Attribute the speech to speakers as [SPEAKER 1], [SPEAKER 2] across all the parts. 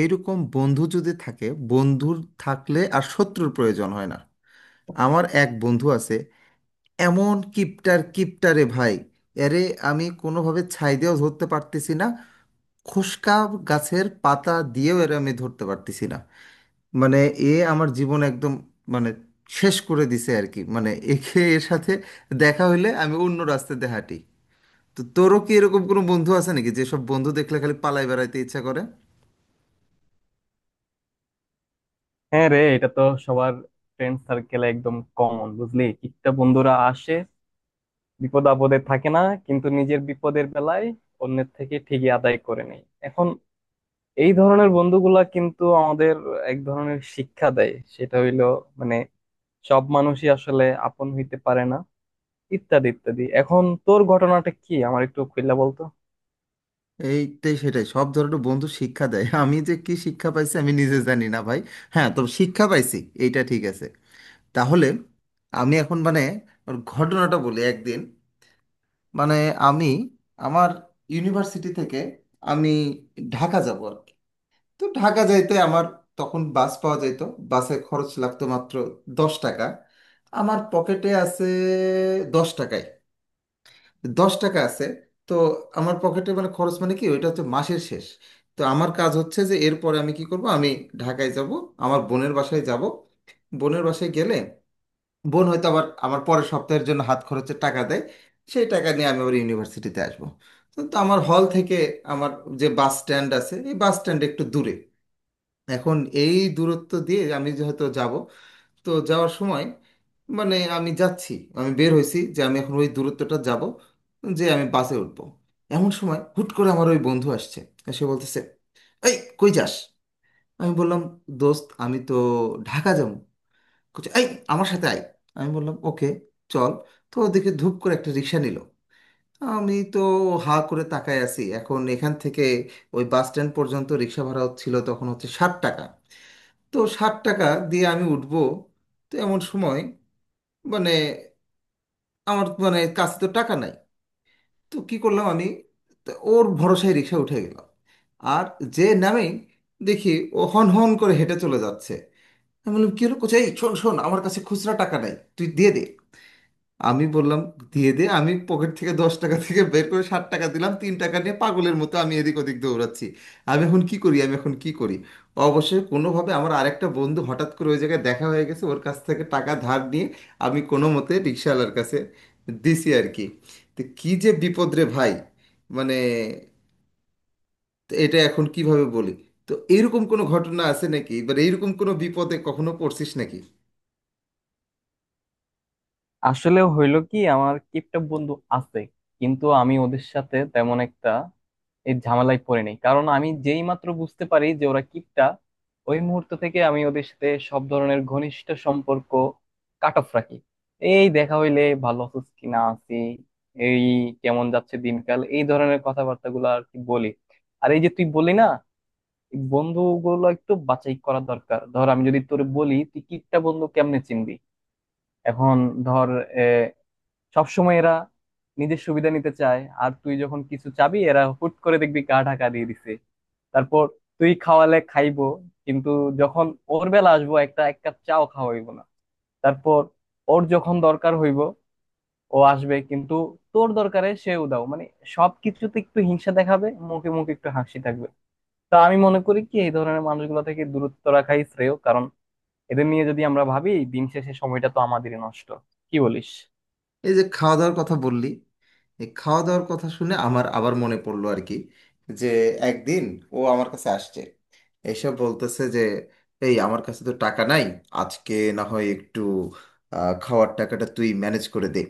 [SPEAKER 1] এইরকম বন্ধু যদি থাকে, বন্ধুর থাকলে আর শত্রুর প্রয়োজন হয় না। আমার এক বন্ধু আছে, এমন কিপটার কিপটারে ভাই, এরে আমি কোনোভাবে ছাই দিয়েও ধরতে পারতেছি না, খোসকা গাছের পাতা দিয়েও এর আমি ধরতে পারতেছি না। মানে, এ আমার জীবন একদম, মানে, শেষ করে দিছে আর কি। মানে একে, এর সাথে দেখা হইলে আমি অন্য রাস্তাতে হাঁটি। তো তোরও কি এরকম কোনো বন্ধু আছে নাকি, যেসব বন্ধু দেখলে খালি পালাই বেড়াইতে ইচ্ছা করে?
[SPEAKER 2] হ্যাঁ রে, এটা তো সবার ফ্রেন্ড সার্কেলে একদম কমন। বুঝলি, কিটটা বন্ধুরা আসে, বিপদ আপদে থাকে না, কিন্তু নিজের বিপদের বেলায় অন্যের থেকে ঠিকই আদায় করে নেয়। এখন এই ধরনের বন্ধুগুলা কিন্তু আমাদের এক ধরনের শিক্ষা দেয়, সেটা হইলো মানে সব মানুষই আসলে আপন হইতে পারে না, ইত্যাদি ইত্যাদি। এখন তোর ঘটনাটা কি আমার একটু খুললা বলতো
[SPEAKER 1] এইটাই সেটাই, সব ধরনের বন্ধু শিক্ষা দেয়। আমি যে কি শিক্ষা পাইছি আমি নিজে জানি না ভাই। হ্যাঁ, তবে শিক্ষা পাইছি, এইটা ঠিক আছে। তাহলে আমি এখন, মানে, ওর ঘটনাটা বলি। একদিন, মানে, আমি, আমার ইউনিভার্সিটি থেকে আমি ঢাকা যাব আর কি। তো ঢাকা যাইতে আমার তখন বাস পাওয়া যেত, বাসে খরচ লাগতো মাত্র 10 টাকা। আমার পকেটে আছে 10 টাকা, 10 টাকা আছে। তো আমার পকেটে মানে খরচ মানে কি, ওইটা হচ্ছে মাসের শেষ। তো আমার কাজ হচ্ছে যে, এরপরে আমি কি করব, আমি ঢাকায় যাব, আমার বোনের বাসায় যাব। বোনের বাসায় গেলে বোন হয়তো আবার আমার পরের সপ্তাহের জন্য হাত খরচের টাকা দেয়, সেই টাকা নিয়ে আমি আবার ইউনিভার্সিটিতে আসবো। তো তো আমার হল থেকে আমার যে বাস স্ট্যান্ড আছে, এই বাস স্ট্যান্ড একটু দূরে। এখন এই দূরত্ব দিয়ে আমি যে হয়তো যাব, তো যাওয়ার সময় মানে আমি যাচ্ছি, আমি বের হয়েছি যে আমি এখন ওই দূরত্বটা যাব, যে আমি বাসে উঠবো। এমন সময় হুট করে আমার ওই বন্ধু আসছে, আর সে বলতেছে, এই কই যাস? আমি বললাম, দোস্ত আমি তো ঢাকা যাবো। বলছে, এই আমার সাথে আয়। আমি বললাম, ওকে চল। তো ওদিকে ধুপ করে একটা রিক্সা নিল, আমি তো হা করে তাকায় আছি। এখন এখান থেকে ওই বাস স্ট্যান্ড পর্যন্ত রিক্সা ভাড়া ছিল তখন হচ্ছে 60 টাকা। তো 60 টাকা দিয়ে আমি উঠবো। তো এমন সময়, মানে, আমার মানে কাছে তো টাকা নাই। তো কি করলাম আমি, তো ওর ভরসায় রিক্সা উঠে গেলাম। আর যে নামে, দেখি ও হন হন করে হেঁটে চলে যাচ্ছে। আমি বললাম, কি হলো, কোথায়, শোন শোন, আমার কাছে খুচরা টাকা নাই, তুই দিয়ে দে। আমি বললাম, দিয়ে দে। আমি পকেট থেকে 10 টাকা থেকে বের করে 60 টাকা দিলাম, 3 টাকা নিয়ে পাগলের মতো আমি এদিক ওদিক দৌড়াচ্ছি। আমি এখন কি করি, আমি এখন কি করি। অবশ্যই কোনোভাবে আমার আরেকটা বন্ধু হঠাৎ করে ওই জায়গায় দেখা হয়ে গেছে, ওর কাছ থেকে টাকা ধার নিয়ে আমি কোনো মতে রিক্সাওয়ালার কাছে দিছি আর কি। তো কী যে বিপদ রে ভাই, মানে। তো এটা এখন কিভাবে বলি, তো এইরকম কোনো ঘটনা আছে নাকি, এবার এইরকম কোনো বিপদে কখনো পড়ছিস নাকি?
[SPEAKER 2] আসলে হইলো কি, আমার কিপটা বন্ধু আছে, কিন্তু আমি ওদের সাথে তেমন একটা এই ঝামেলায় পড়ে নেই, কারণ আমি যেই মাত্র বুঝতে পারি যে ওরা কিপটা, ওই মুহূর্ত থেকে আমি ওদের সাথে সব ধরনের ঘনিষ্ঠ সম্পর্ক কাট অফ রাখি। এই, দেখা হইলে ভালো আছিস কি না আছি, এই, কেমন যাচ্ছে দিনকাল, এই ধরনের কথাবার্তা গুলো আর কি বলি। আর এই যে, তুই বলি না, এই বন্ধুগুলো একটু বাছাই করা দরকার। ধর, আমি যদি তোরে বলি তুই কিপটা বন্ধু কেমনে চিনবি। এখন ধর, সবসময় এরা নিজের সুবিধা নিতে চায়, আর তুই যখন কিছু চাবি এরা হুট করে দেখবি গা ঢাকা দিয়ে দিছে। তারপর তুই খাওয়ালে খাইবো কিন্তু, যখন ওর বেলা আসবো একটা এক কাপ চাও খাওয়াইবো না। তারপর ওর যখন দরকার হইব ও আসবে, কিন্তু তোর দরকারে সে উদাও। মানে সবকিছুতে একটু হিংসা দেখাবে, মুখে মুখে একটু হাসি থাকবে। তা আমি মনে করি কি, এই ধরনের মানুষগুলো থেকে দূরত্ব রাখাই শ্রেয়, কারণ এদের নিয়ে যদি আমরা ভাবি, দিন শেষে সময়টা তো আমাদেরই নষ্ট। কি বলিস?
[SPEAKER 1] এই যে খাওয়া দাওয়ার কথা বললি, এই খাওয়া দাওয়ার কথা শুনে আমার আবার মনে পড়লো আর কি, যে একদিন ও আমার কাছে আসছে, এইসব বলতেছে যে, এই আমার কাছে তো টাকা নাই আজকে, না হয় একটু, খাওয়ার টাকাটা তুই ম্যানেজ করে দে।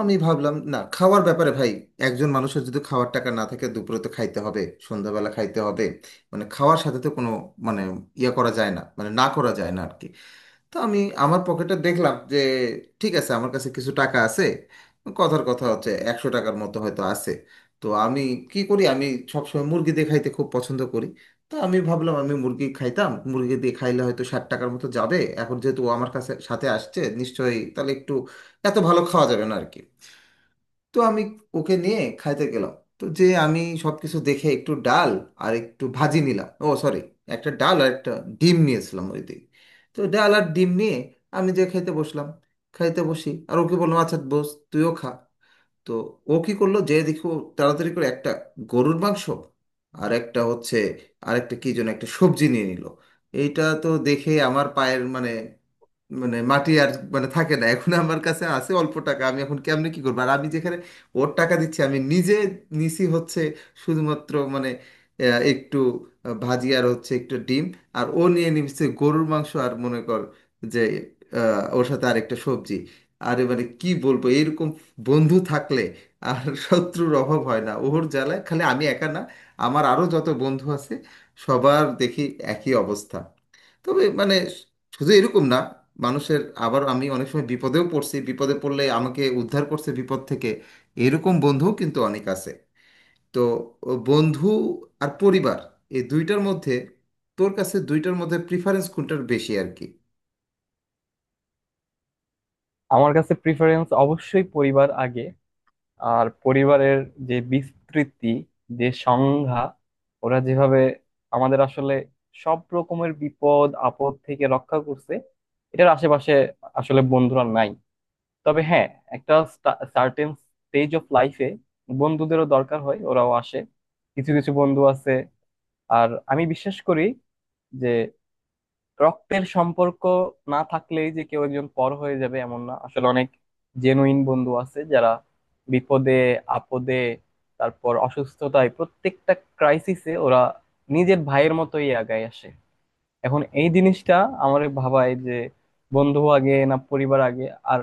[SPEAKER 1] আমি ভাবলাম, না, খাওয়ার ব্যাপারে ভাই, একজন মানুষের যদি খাওয়ার টাকা না থাকে, দুপুরে তো খাইতে হবে, সন্ধ্যাবেলা খাইতে হবে, মানে খাওয়ার সাথে তো কোনো মানে ইয়ে করা যায় না, মানে না করা যায় না আর কি। তো আমি আমার পকেটে দেখলাম যে, ঠিক আছে, আমার কাছে কিছু টাকা আছে। কথার কথা হচ্ছে, 100 টাকার মতো হয়তো আছে। তো আমি কি করি, আমি সবসময় মুরগি দিয়ে খাইতে খুব পছন্দ করি। তো আমি ভাবলাম আমি মুরগি খাইতাম, মুরগি দিয়ে খাইলে হয়তো 60 টাকার মতো যাবে। এখন যেহেতু ও আমার কাছে সাথে আসছে, নিশ্চয়ই তাহলে একটু এত ভালো খাওয়া যাবে না আর কি। তো আমি ওকে নিয়ে খাইতে গেলাম। তো যে আমি সব কিছু দেখে একটু ডাল আর একটু ভাজি নিলাম, ও সরি, একটা ডাল আর একটা ডিম নিয়েছিলাম ওই দিকে। তো ডাল আর ডিম নিয়ে আমি যে খাইতে বসলাম, খাইতে বসি আর ওকে বললাম, আচ্ছা বস, তুইও খা। তো ও কি করলো যে দেখো, তাড়াতাড়ি করে একটা গরুর মাংস আর একটা হচ্ছে, আরেকটা কি যেন একটা সবজি নিয়ে নিল। এইটা তো দেখে আমার পায়ের মানে, মানে মাটি আর মানে থাকে না। এখন আমার কাছে আছে অল্প টাকা, আমি এখন কেমনে কি করবো, আর আমি যেখানে ওর টাকা দিচ্ছি, আমি নিজে নিছি হচ্ছে শুধুমাত্র মানে একটু ভাজি আর হচ্ছে একটু ডিম, আর ও নিয়ে নিচ্ছে গরুর মাংস আর মনে কর যে, ওর সাথে আরেকটা সবজি। আরে মানে কি বলবো, এরকম বন্ধু থাকলে আর শত্রুর অভাব হয় না। ওর জ্বালায় খালি আমি একা না, আমার আরও যত বন্ধু আছে সবার দেখি একই অবস্থা। তবে মানে শুধু এরকম না মানুষের, আবার আমি অনেক সময় বিপদেও পড়ছি, বিপদে পড়লে আমাকে উদ্ধার করছে বিপদ থেকে, এরকম বন্ধুও কিন্তু অনেক আছে। তো ও বন্ধু আর পরিবার, এই দুইটার মধ্যে তোর কাছে দুইটার মধ্যে প্রিফারেন্স কোনটার বেশি আর কি?
[SPEAKER 2] আমার কাছে প্রিফারেন্স অবশ্যই পরিবার আগে। আর পরিবারের যে বিস্তৃতি, যে সংজ্ঞা, ওরা যেভাবে আমাদের আসলে সব রকমের বিপদ আপদ থেকে রক্ষা করছে, এটার আশেপাশে আসলে বন্ধুরা নাই। তবে হ্যাঁ, একটা সার্টেন স্টেজ অফ লাইফে বন্ধুদেরও দরকার হয়, ওরাও আসে। কিছু কিছু বন্ধু আছে, আর আমি বিশ্বাস করি যে, রক্তের সম্পর্ক না থাকলেই যে কেউ একজন পর হয়ে যাবে এমন না। আসলে অনেক জেনুইন বন্ধু আছে যারা বিপদে আপদে, তারপর অসুস্থতায়, প্রত্যেকটা ক্রাইসিসে ওরা নিজের ভাইয়ের মতোই আগায় আসে। এখন এই জিনিসটা আমার ভাবায় যে, বন্ধু আগে না পরিবার আগে। আর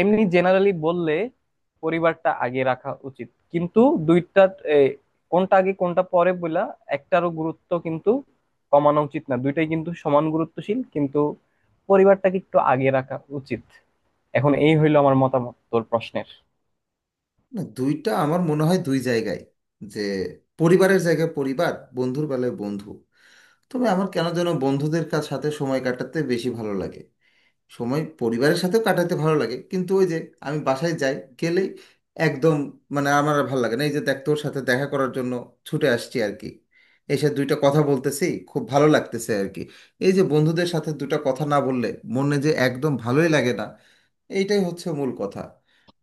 [SPEAKER 2] এমনি জেনারেলি বললে পরিবারটা আগে রাখা উচিত, কিন্তু দুইটা এ, কোনটা আগে কোনটা পরে বলা, একটারও গুরুত্ব কিন্তু কমানো উচিত না। দুইটাই কিন্তু সমান গুরুত্বশীল, কিন্তু পরিবারটাকে একটু আগে রাখা উচিত। এখন এই হইলো আমার মতামত তোর প্রশ্নের।
[SPEAKER 1] না, দুইটা আমার মনে হয় দুই জায়গায়, যে পরিবারের জায়গায় পরিবার, বন্ধুর বেলায় বন্ধু। তবে আমার কেন যেন বন্ধুদের কাছ সাথে সময় কাটাতে বেশি ভালো লাগে। সময় পরিবারের সাথেও কাটাতে ভালো লাগে, কিন্তু ওই যে আমি বাসায় যাই, গেলেই একদম, মানে, আমার আর ভালো লাগে না। এই যে দেখ তোর সাথে দেখা করার জন্য ছুটে আসছি আর কি, এসে দুইটা কথা বলতেছি, খুব ভালো লাগতেছে আর কি। এই যে বন্ধুদের সাথে দুটো কথা না বললে মনে যে একদম ভালোই লাগে না, এইটাই হচ্ছে মূল কথা।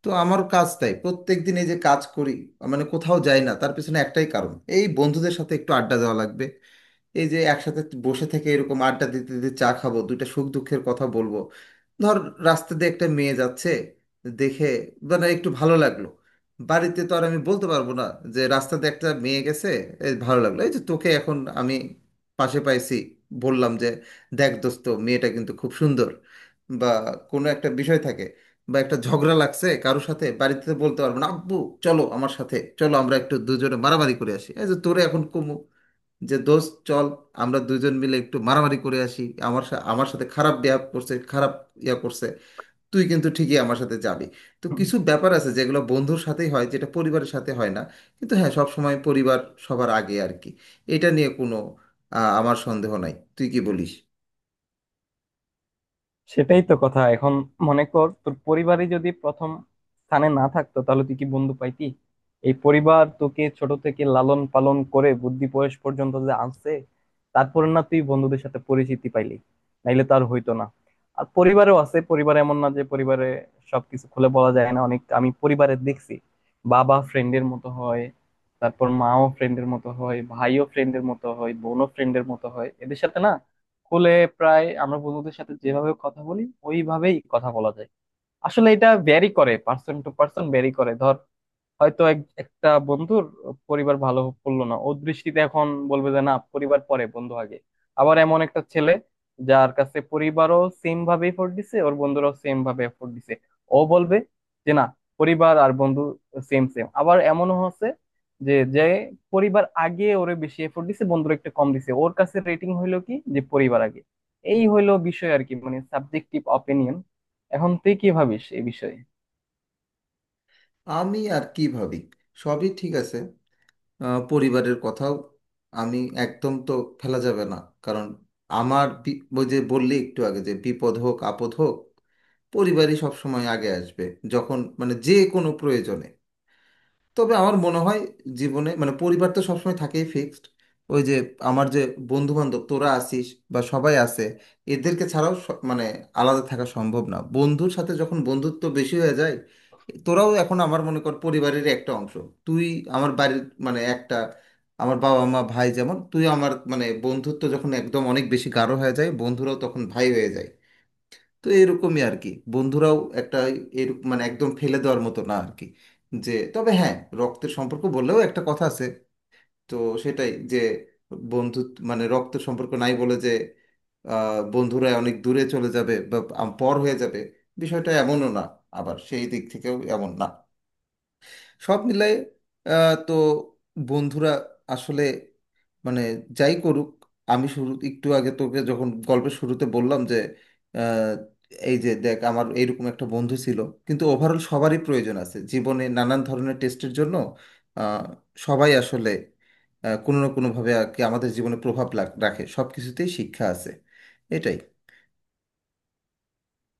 [SPEAKER 1] তো আমার কাজ তাই প্রত্যেকদিন এই যে কাজ করি, মানে কোথাও যাই না, তার পিছনে একটাই কারণ, এই বন্ধুদের সাথে একটু আড্ডা দেওয়া লাগবে। এই যে একসাথে বসে থেকে এরকম আড্ডা দিতে দিতে চা খাবো, দুইটা সুখ দুঃখের কথা বলবো। ধর, রাস্তা দিয়ে একটা মেয়ে যাচ্ছে, দেখে মানে একটু ভালো লাগলো। বাড়িতে তো আর আমি বলতে পারবো না যে রাস্তাতে একটা মেয়ে গেছে, এই ভালো লাগলো। এই যে তোকে এখন আমি পাশে পাইছি, বললাম যে, দেখ দোস্ত, মেয়েটা কিন্তু খুব সুন্দর। বা কোনো একটা বিষয় থাকে, বা একটা ঝগড়া লাগছে কারোর সাথে, বাড়িতে তো বলতে পারবো না আব্বু চলো আমার সাথে, চলো আমরা একটু দুজনে মারামারি করে আসি। এই যে তোরে এখন কমু যে, দোস্ত চল, আমরা দুজন মিলে একটু মারামারি করে আসি, আমার সাথে খারাপ ব্যবহার করছে, খারাপ ইয়া করছে, তুই কিন্তু ঠিকই আমার সাথে যাবি। তো কিছু ব্যাপার আছে যেগুলো বন্ধুর সাথেই হয়, যেটা পরিবারের সাথে হয় না। কিন্তু হ্যাঁ, সব সময় পরিবার সবার আগে আর কি, এটা নিয়ে কোনো আমার সন্দেহ নাই। তুই কি বলিস?
[SPEAKER 2] সেটাই তো কথা। এখন মনে কর, তোর পরিবারই যদি প্রথম স্থানে না থাকতো, তাহলে তুই কি বন্ধু পাইতি? এই পরিবার তোকে ছোট থেকে লালন পালন করে বুদ্ধি বয়স পর্যন্ত যে আনছে, তারপর না তুই বন্ধুদের সাথে পরিচিতি পাইলি, নাইলে তো আর হইতো না। আর পরিবারও আছে, পরিবার এমন না যে পরিবারে সবকিছু খুলে বলা যায় না। অনেক আমি পরিবারে দেখছি, বাবা ফ্রেন্ডের মতো হয়, তারপর মাও ফ্রেন্ডের মতো হয়, ভাইও ফ্রেন্ডের মতো হয়, বোনও ফ্রেন্ডের মতো হয়। এদের সাথে না, স্কুলে প্রায় আমরা বন্ধুদের সাথে যেভাবে কথা বলি, ওইভাবেই কথা বলা যায়। আসলে এটা ভ্যারি করে, পার্সন টু পার্সন ভ্যারি করে। ধর, হয়তো এক একটা বন্ধুর পরিবার ভালো পড়লো না ওর দৃষ্টিতে, এখন বলবে যে না, পরিবার পরে বন্ধু আগে। আবার এমন একটা ছেলে, যার কাছে পরিবারও সেম ভাবে এফোর্ট দিছে, ওর বন্ধুরাও সেম ভাবে এফোর্ট দিছে, ও বলবে যে না, পরিবার আর বন্ধু সেম সেম। আবার এমনও হচ্ছে যে, পরিবার আগে ওরে বেশি এফোর্ট দিছে, বন্ধুরা একটু কম দিছে, ওর কাছে রেটিং হইলো কি, যে পরিবার আগে। এই হইলো বিষয় আর কি, মানে সাবজেক্টিভ অপিনিয়ন। এখন তুই কি ভাবিস এই বিষয়ে?
[SPEAKER 1] আমি আর কি ভাবি, সবই ঠিক আছে। পরিবারের কথাও আমি একদম তো ফেলা যাবে না, কারণ ওই যে বললি একটু আগে, যে বিপদ হোক আপদ হোক পরিবারই সব সময় আগে আসবে, যখন মানে যে কোনো প্রয়োজনে। তবে আমার মনে হয় জীবনে মানে পরিবার তো সবসময় থাকেই ফিক্সড, ওই যে আমার যে বন্ধু বান্ধব তোরা আসিস বা সবাই আছে, এদেরকে ছাড়াও মানে আলাদা থাকা সম্ভব না। বন্ধুর সাথে যখন বন্ধুত্ব বেশি হয়ে যায়, তোরাও এখন আমার মনে কর পরিবারের একটা অংশ। তুই আমার বাড়ির মানে একটা, আমার বাবা মা ভাই যেমন, তুই আমার মানে বন্ধুত্ব যখন একদম অনেক বেশি গাঢ় হয়ে যায়, বন্ধুরাও তখন ভাই হয়ে যায়। তো এরকমই আর কি, বন্ধুরাও একটা এরকম মানে একদম ফেলে দেওয়ার মতো না আর কি। যে তবে হ্যাঁ, রক্তের সম্পর্ক বললেও একটা কথা আছে। তো সেটাই, যে বন্ধু মানে রক্তের সম্পর্ক নাই বলে যে, বন্ধুরা অনেক দূরে চলে যাবে বা পর হয়ে যাবে, বিষয়টা এমনও না, আবার সেই দিক থেকেও এমন না। সব মিলাই, তো বন্ধুরা আসলে, মানে, যাই করুক, আমি শুরু একটু আগে তোকে যখন গল্পের শুরুতে বললাম যে আহ, এই যে দেখ, আমার এইরকম একটা বন্ধু ছিল, কিন্তু ওভারঅল সবারই প্রয়োজন আছে জীবনে নানান ধরনের টেস্টের জন্য। আহ, সবাই আসলে কোনো না কোনোভাবে আর কি আমাদের জীবনে রাখে, সব কিছুতেই শিক্ষা আছে, এটাই।